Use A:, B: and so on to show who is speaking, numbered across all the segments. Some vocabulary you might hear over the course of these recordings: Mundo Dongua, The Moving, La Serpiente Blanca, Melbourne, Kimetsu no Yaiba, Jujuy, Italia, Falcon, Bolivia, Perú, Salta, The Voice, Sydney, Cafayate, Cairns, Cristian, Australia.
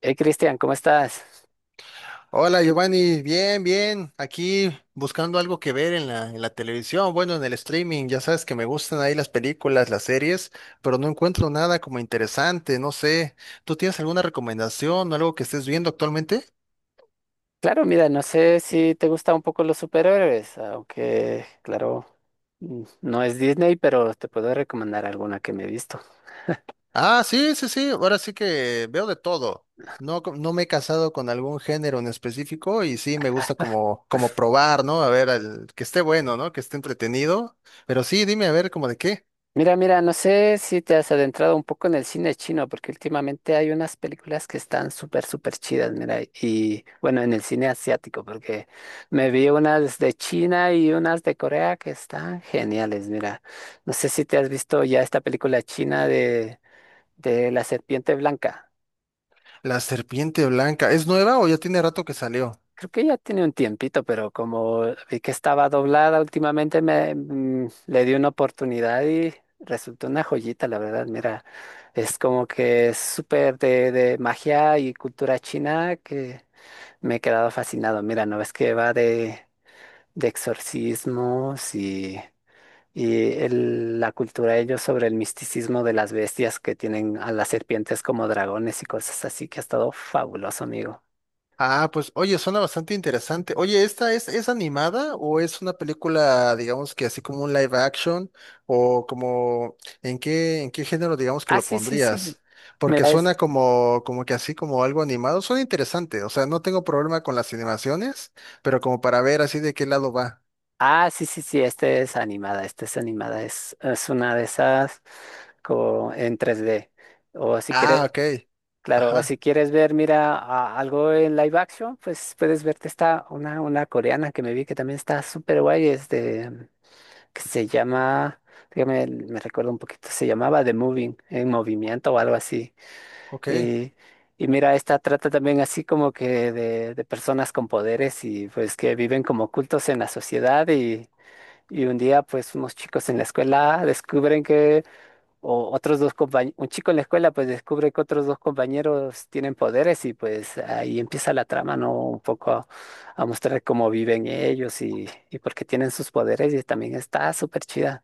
A: Hey, Cristian, ¿cómo estás?
B: Hola Giovanni, bien, bien, aquí buscando algo que ver en la televisión, bueno, en el streaming, ya sabes que me gustan ahí las películas, las series, pero no encuentro nada como interesante, no sé, ¿tú tienes alguna recomendación, algo que estés viendo actualmente?
A: Claro, mira, no sé si te gustan un poco los superhéroes, aunque, claro, no es Disney, pero te puedo recomendar alguna que me he visto.
B: Ah, sí, sí, sí, ahora sí que veo de todo, no, no me he casado con algún género en específico y sí, me gusta como probar, ¿no? A ver, que esté bueno, ¿no? Que esté entretenido, pero sí, dime a ver, como de qué.
A: Mira, no sé si te has adentrado un poco en el cine chino, porque últimamente hay unas películas que están súper, súper chidas, mira, y bueno, en el cine asiático, porque me vi unas de China y unas de Corea que están geniales, mira. No sé si te has visto ya esta película china de La Serpiente Blanca.
B: La serpiente blanca. ¿Es nueva o ya tiene rato que salió?
A: Creo que ya tiene un tiempito, pero como vi que estaba doblada últimamente, le di una oportunidad y resultó una joyita, la verdad. Mira, es como que es súper de magia y cultura china que me he quedado fascinado. Mira, no ves que va de exorcismos y la cultura de ellos sobre el misticismo de las bestias que tienen a las serpientes como dragones y cosas así, que ha estado fabuloso, amigo.
B: Ah, pues oye, suena bastante interesante. Oye, ¿esta es animada o es una película, digamos que así como un live action? ¿O como en qué género digamos que
A: Ah,
B: lo
A: sí, sí, sí.
B: pondrías? Porque
A: Mira.
B: suena como que así como algo animado. Suena interesante. O sea, no tengo problema con las animaciones, pero como para ver así de qué lado va.
A: Ah, sí, sí, sí, Esta es animada, es una de esas como en 3D. O si quieres,
B: Ah, ok.
A: claro, o si
B: Ajá,
A: quieres ver, mira, algo en live action, pues puedes verte esta, una coreana que me vi que también está súper guay, es de, que se llama, dígame, me recuerdo un poquito, se llamaba The Moving, en movimiento o algo así.
B: ok.
A: Y, y mira, esta trata también así como que de personas con poderes y pues que viven como ocultos en la sociedad y un día, pues, unos chicos en la escuela descubren que, o otros dos compañeros, un chico en la escuela, pues, descubre que otros dos compañeros tienen poderes y, pues, ahí empieza la trama, ¿no? Un poco a mostrar cómo viven ellos y por qué tienen sus poderes y también está súper chida.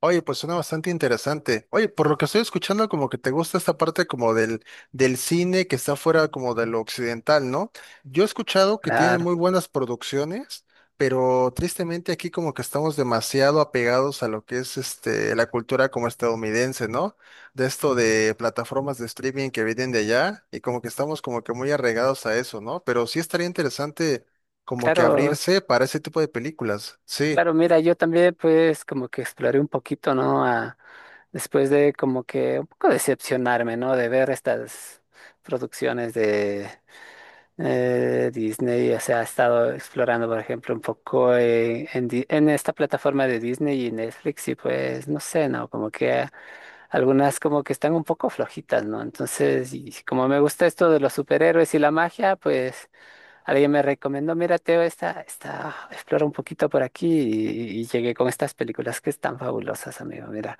B: Oye, pues suena bastante interesante. Oye, por lo que estoy escuchando, como que te gusta esta parte como del cine que está fuera como de lo occidental, ¿no? Yo he escuchado que tienen
A: Claro,
B: muy buenas producciones, pero tristemente aquí como que estamos demasiado apegados a lo que es este, la cultura como estadounidense, ¿no? De esto de plataformas de streaming que vienen de allá y como que estamos como que muy arraigados a eso, ¿no? Pero sí estaría interesante como que
A: claro,
B: abrirse para ese tipo de películas, sí.
A: claro, mira, yo también, pues, como que exploré un poquito, ¿no? Después de como que un poco decepcionarme, ¿no? De ver estas producciones. Disney, o sea, ha estado explorando, por ejemplo, un poco en esta plataforma de Disney y Netflix y pues, no sé, ¿no? Como que algunas como que están un poco flojitas, ¿no? Entonces, y como me gusta esto de los superhéroes y la magia, pues alguien me recomendó, mira, Teo, esta, explora un poquito por aquí y llegué con estas películas que están fabulosas, amigo, mira.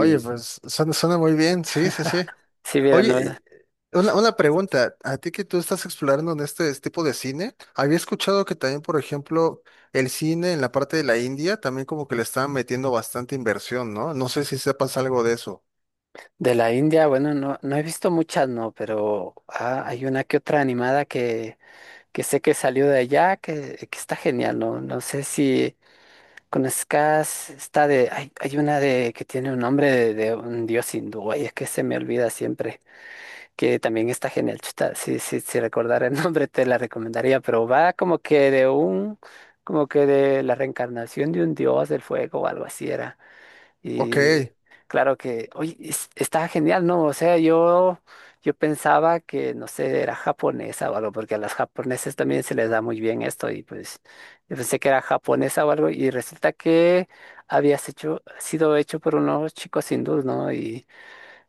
B: Oye, pues suena, suena muy bien, sí, sí, sí.
A: si mira, ¿no?
B: Oye, una pregunta, a ti que tú estás explorando en este tipo de cine, había escuchado que también, por ejemplo, el cine en la parte de la India también como que le estaban metiendo bastante inversión, ¿no? No sé si sepas algo de eso.
A: De la India, bueno, no, no he visto muchas, no, pero hay una que otra animada que sé que salió de allá, que está genial, ¿no? No sé si conozcas, está de, hay una de que tiene un nombre de un dios hindú, ay, es que se me olvida siempre, que también está genial, chuta, si recordara el nombre te la recomendaría, pero va como que de un, como que de la reencarnación de un dios del fuego o algo así era.
B: Ok.
A: Y claro que, oye, está genial, ¿no? O sea, yo pensaba que, no sé, era japonesa o algo, porque a las japoneses también se les da muy bien esto y pues yo pensé que era japonesa o algo y resulta que había sido hecho por unos chicos hindús, ¿no? y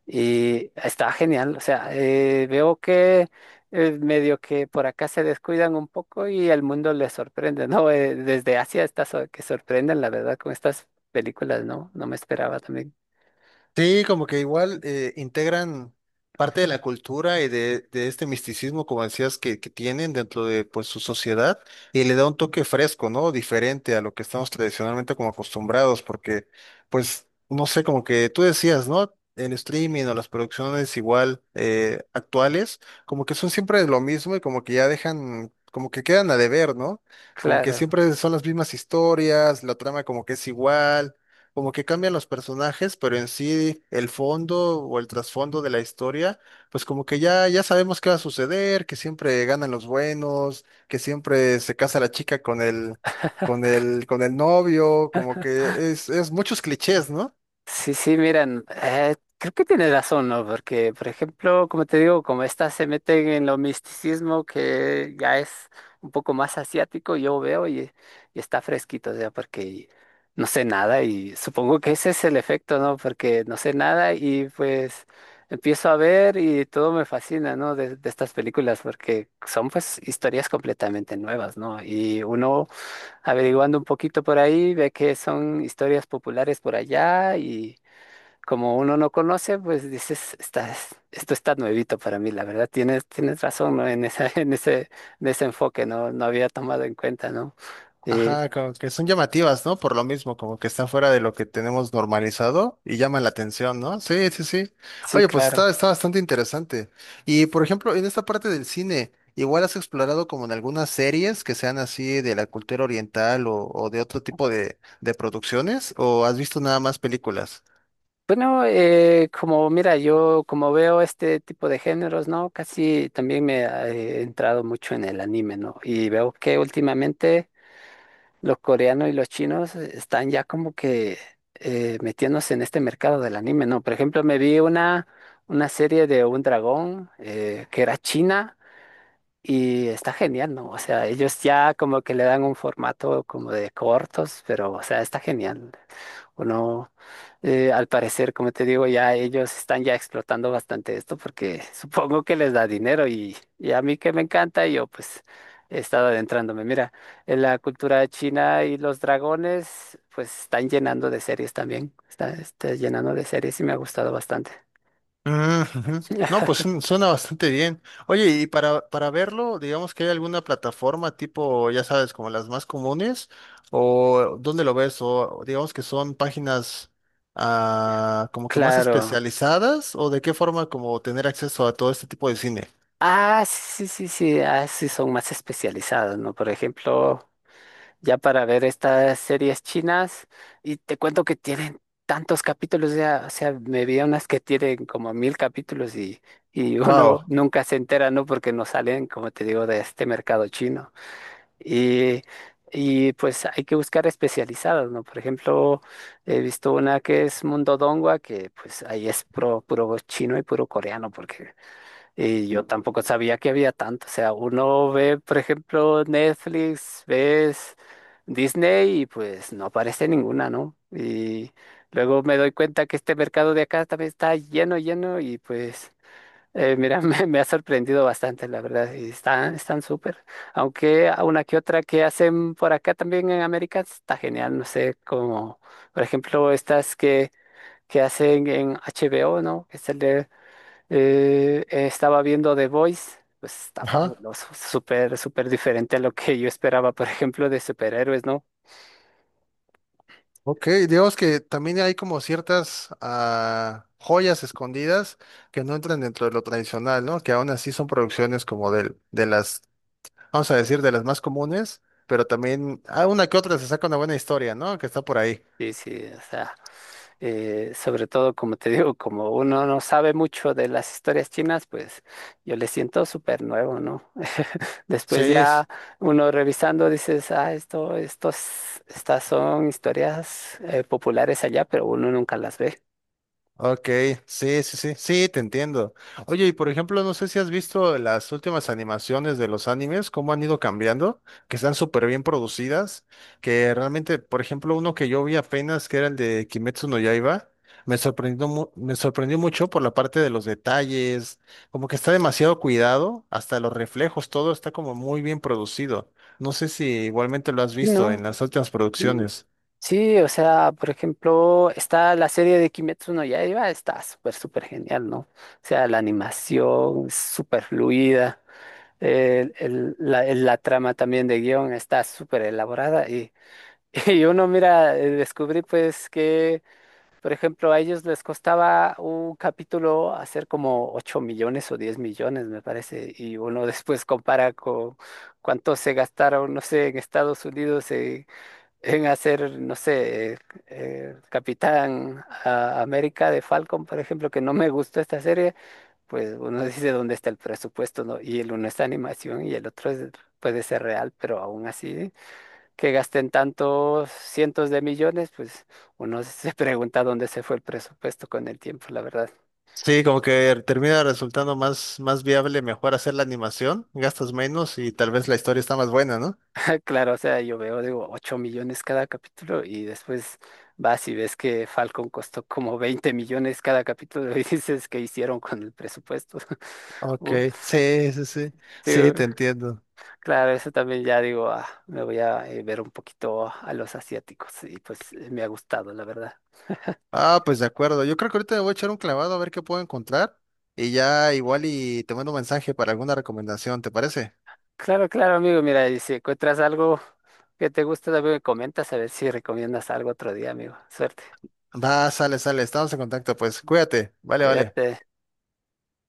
A: y está genial, o sea, veo que medio que por acá se descuidan un poco y el mundo les sorprende, ¿no? Desde Asia está que sorprenden, la verdad, con estas películas, ¿no? No me esperaba también.
B: Sí, como que igual integran parte de la cultura y de este misticismo, como decías, que tienen dentro de pues su sociedad y le da un toque fresco, ¿no? Diferente a lo que estamos tradicionalmente como acostumbrados, porque pues, no sé, como que tú decías, ¿no? El streaming o las producciones igual actuales, como que son siempre lo mismo y como que ya dejan, como que quedan a deber, ¿no? Como que
A: Claro.
B: siempre son las mismas historias, la trama como que es igual como que cambian los personajes, pero en sí el fondo o el trasfondo de la historia, pues como que ya, ya sabemos qué va a suceder, que siempre ganan los buenos, que siempre se casa la chica con el novio, como que es muchos clichés, ¿no?
A: Sí, sí, miren, creo que tienes razón, ¿no? Porque, por ejemplo, como te digo, como estas se meten en lo misticismo que ya es un poco más asiático, yo veo y está fresquito, o sea, porque no sé nada y supongo que ese es el efecto, ¿no? Porque no sé nada y pues empiezo a ver y todo me fascina, ¿no? De estas películas, porque son pues historias completamente nuevas, ¿no? Y uno averiguando un poquito por ahí ve que son historias populares por allá y como uno no conoce, pues dices, estás, esto está nuevito para mí, la verdad, tienes, tienes razón, ¿no? En esa, en ese enfoque, no, no había tomado en cuenta, ¿no? Eh,
B: Ajá, como que son llamativas, ¿no? Por lo mismo, como que están fuera de lo que tenemos normalizado y llaman la atención, ¿no? Sí, sí, sí.
A: sí,
B: Oye, pues
A: claro.
B: está bastante interesante. Y por ejemplo, en esta parte del cine, igual has explorado como en algunas series que sean así de la cultura oriental o de otro tipo de producciones, o has visto nada más películas?
A: Bueno, como mira, yo como veo este tipo de géneros, ¿no? Casi también me he entrado mucho en el anime, ¿no? Y veo que últimamente los coreanos y los chinos están ya como que metiéndose en este mercado del anime, ¿no? Por ejemplo, me vi una serie de un dragón que era china y está genial, ¿no? O sea, ellos ya como que le dan un formato como de cortos, pero o sea, está genial. Bueno, al parecer, como te digo, ya ellos están ya explotando bastante esto porque supongo que les da dinero y a mí que me encanta, yo pues he estado adentrándome. Mira, en la cultura china y los dragones pues están llenando de series también, está llenando de series y me ha gustado bastante.
B: Mm, ujú. No, pues suena bastante bien. Oye, y para verlo, digamos que hay alguna plataforma tipo, ya sabes, como las más comunes, o dónde lo ves, o digamos que son páginas ah, como que más
A: Claro.
B: especializadas, o de qué forma como tener acceso a todo este tipo de cine.
A: Ah, sí, sí, sí, sí, ah, sí, son más especializados, ¿no? Por ejemplo, ya para ver estas series chinas y te cuento que tienen tantos capítulos, ya, o sea, me vi unas que tienen como mil capítulos y uno
B: Wow.
A: nunca se entera, ¿no? Porque no salen, como te digo, de este mercado chino. Y, y pues hay que buscar especializadas, ¿no? Por ejemplo, he visto una que es Mundo Dongua, que pues ahí es puro, puro chino y puro coreano, porque y yo tampoco sabía que había tanto. O sea, uno ve, por ejemplo, Netflix, ves Disney y pues no aparece ninguna, ¿no? Y luego me doy cuenta que este mercado de acá también está lleno, lleno y pues, mira, me ha sorprendido bastante, la verdad. Y están súper. Aunque a una que otra que hacen por acá también en América está genial, no sé, como, por ejemplo, estas que hacen en HBO, ¿no? Que sale. Estaba viendo The Voice, pues está
B: Ajá.
A: fabuloso, súper, súper diferente a lo que yo esperaba, por ejemplo, de superhéroes, ¿no?
B: Ok, digamos que también hay como ciertas ah, joyas escondidas que no entran dentro de lo tradicional, ¿no? Que aún así son producciones las vamos a decir, de las más comunes, pero también, ah, una que otra se saca una buena historia, ¿no? Que está por ahí.
A: Sí, sí, o sea, sobre todo, como te digo, como uno no sabe mucho de las historias chinas, pues yo le siento súper nuevo, ¿no? Después
B: Sí,
A: ya uno revisando dices, ah, estas son historias populares allá, pero uno nunca las ve.
B: ok, sí, sí, sí, sí, te entiendo. Oye, y por ejemplo, no sé si has visto las últimas animaciones de los animes, cómo han ido cambiando, que están súper bien producidas, que realmente, por ejemplo, uno que yo vi apenas, que era el de Kimetsu no Yaiba, me sorprendió, me sorprendió mucho por la parte de los detalles, como que está demasiado cuidado, hasta los reflejos, todo está como muy bien producido. No sé si igualmente lo has
A: Sí,
B: visto
A: ¿no?
B: en las últimas producciones.
A: Sí, o sea, por ejemplo, está la serie de Kimetsu no Yaiba, está súper, súper genial, ¿no? O sea, la animación es súper fluida, la trama también de guión está súper elaborada y, y uno mira, descubrí pues que, por ejemplo, a ellos les costaba un capítulo hacer como 8 millones o 10 millones, me parece, y uno después compara con cuánto se gastaron, no sé, en Estados Unidos en hacer, no sé, Capitán América de Falcon, por ejemplo, que no me gustó esta serie, pues uno dice dónde está el presupuesto, ¿no? Y el uno es animación y el otro puede ser real, pero aún así, que gasten tantos cientos de millones, pues uno se pregunta dónde se fue el presupuesto con el tiempo, la verdad.
B: Sí, como que termina resultando más viable, mejor hacer la animación, gastas menos y tal vez la historia está más buena, ¿no?
A: Claro, o sea, yo veo, digo, 8 millones cada capítulo y después vas y ves que Falcon costó como 20 millones cada capítulo y dices, ¿qué hicieron con el presupuesto?
B: Ok,
A: Uh,
B: sí, sí, sí,
A: sí,
B: sí, te entiendo.
A: claro, eso también ya digo, me voy a ver un poquito a los asiáticos y pues me ha gustado, la verdad.
B: Ah, pues de acuerdo, yo creo que ahorita me voy a echar un clavado a ver qué puedo encontrar y ya igual y te mando un mensaje para alguna recomendación, ¿te parece?
A: Claro, claro, amigo, mira, y si encuentras algo que te gusta, también me comentas a ver si recomiendas algo otro día, amigo. Suerte,
B: Va, sale, sale, estamos en contacto, pues cuídate, vale, vale.
A: cuídate.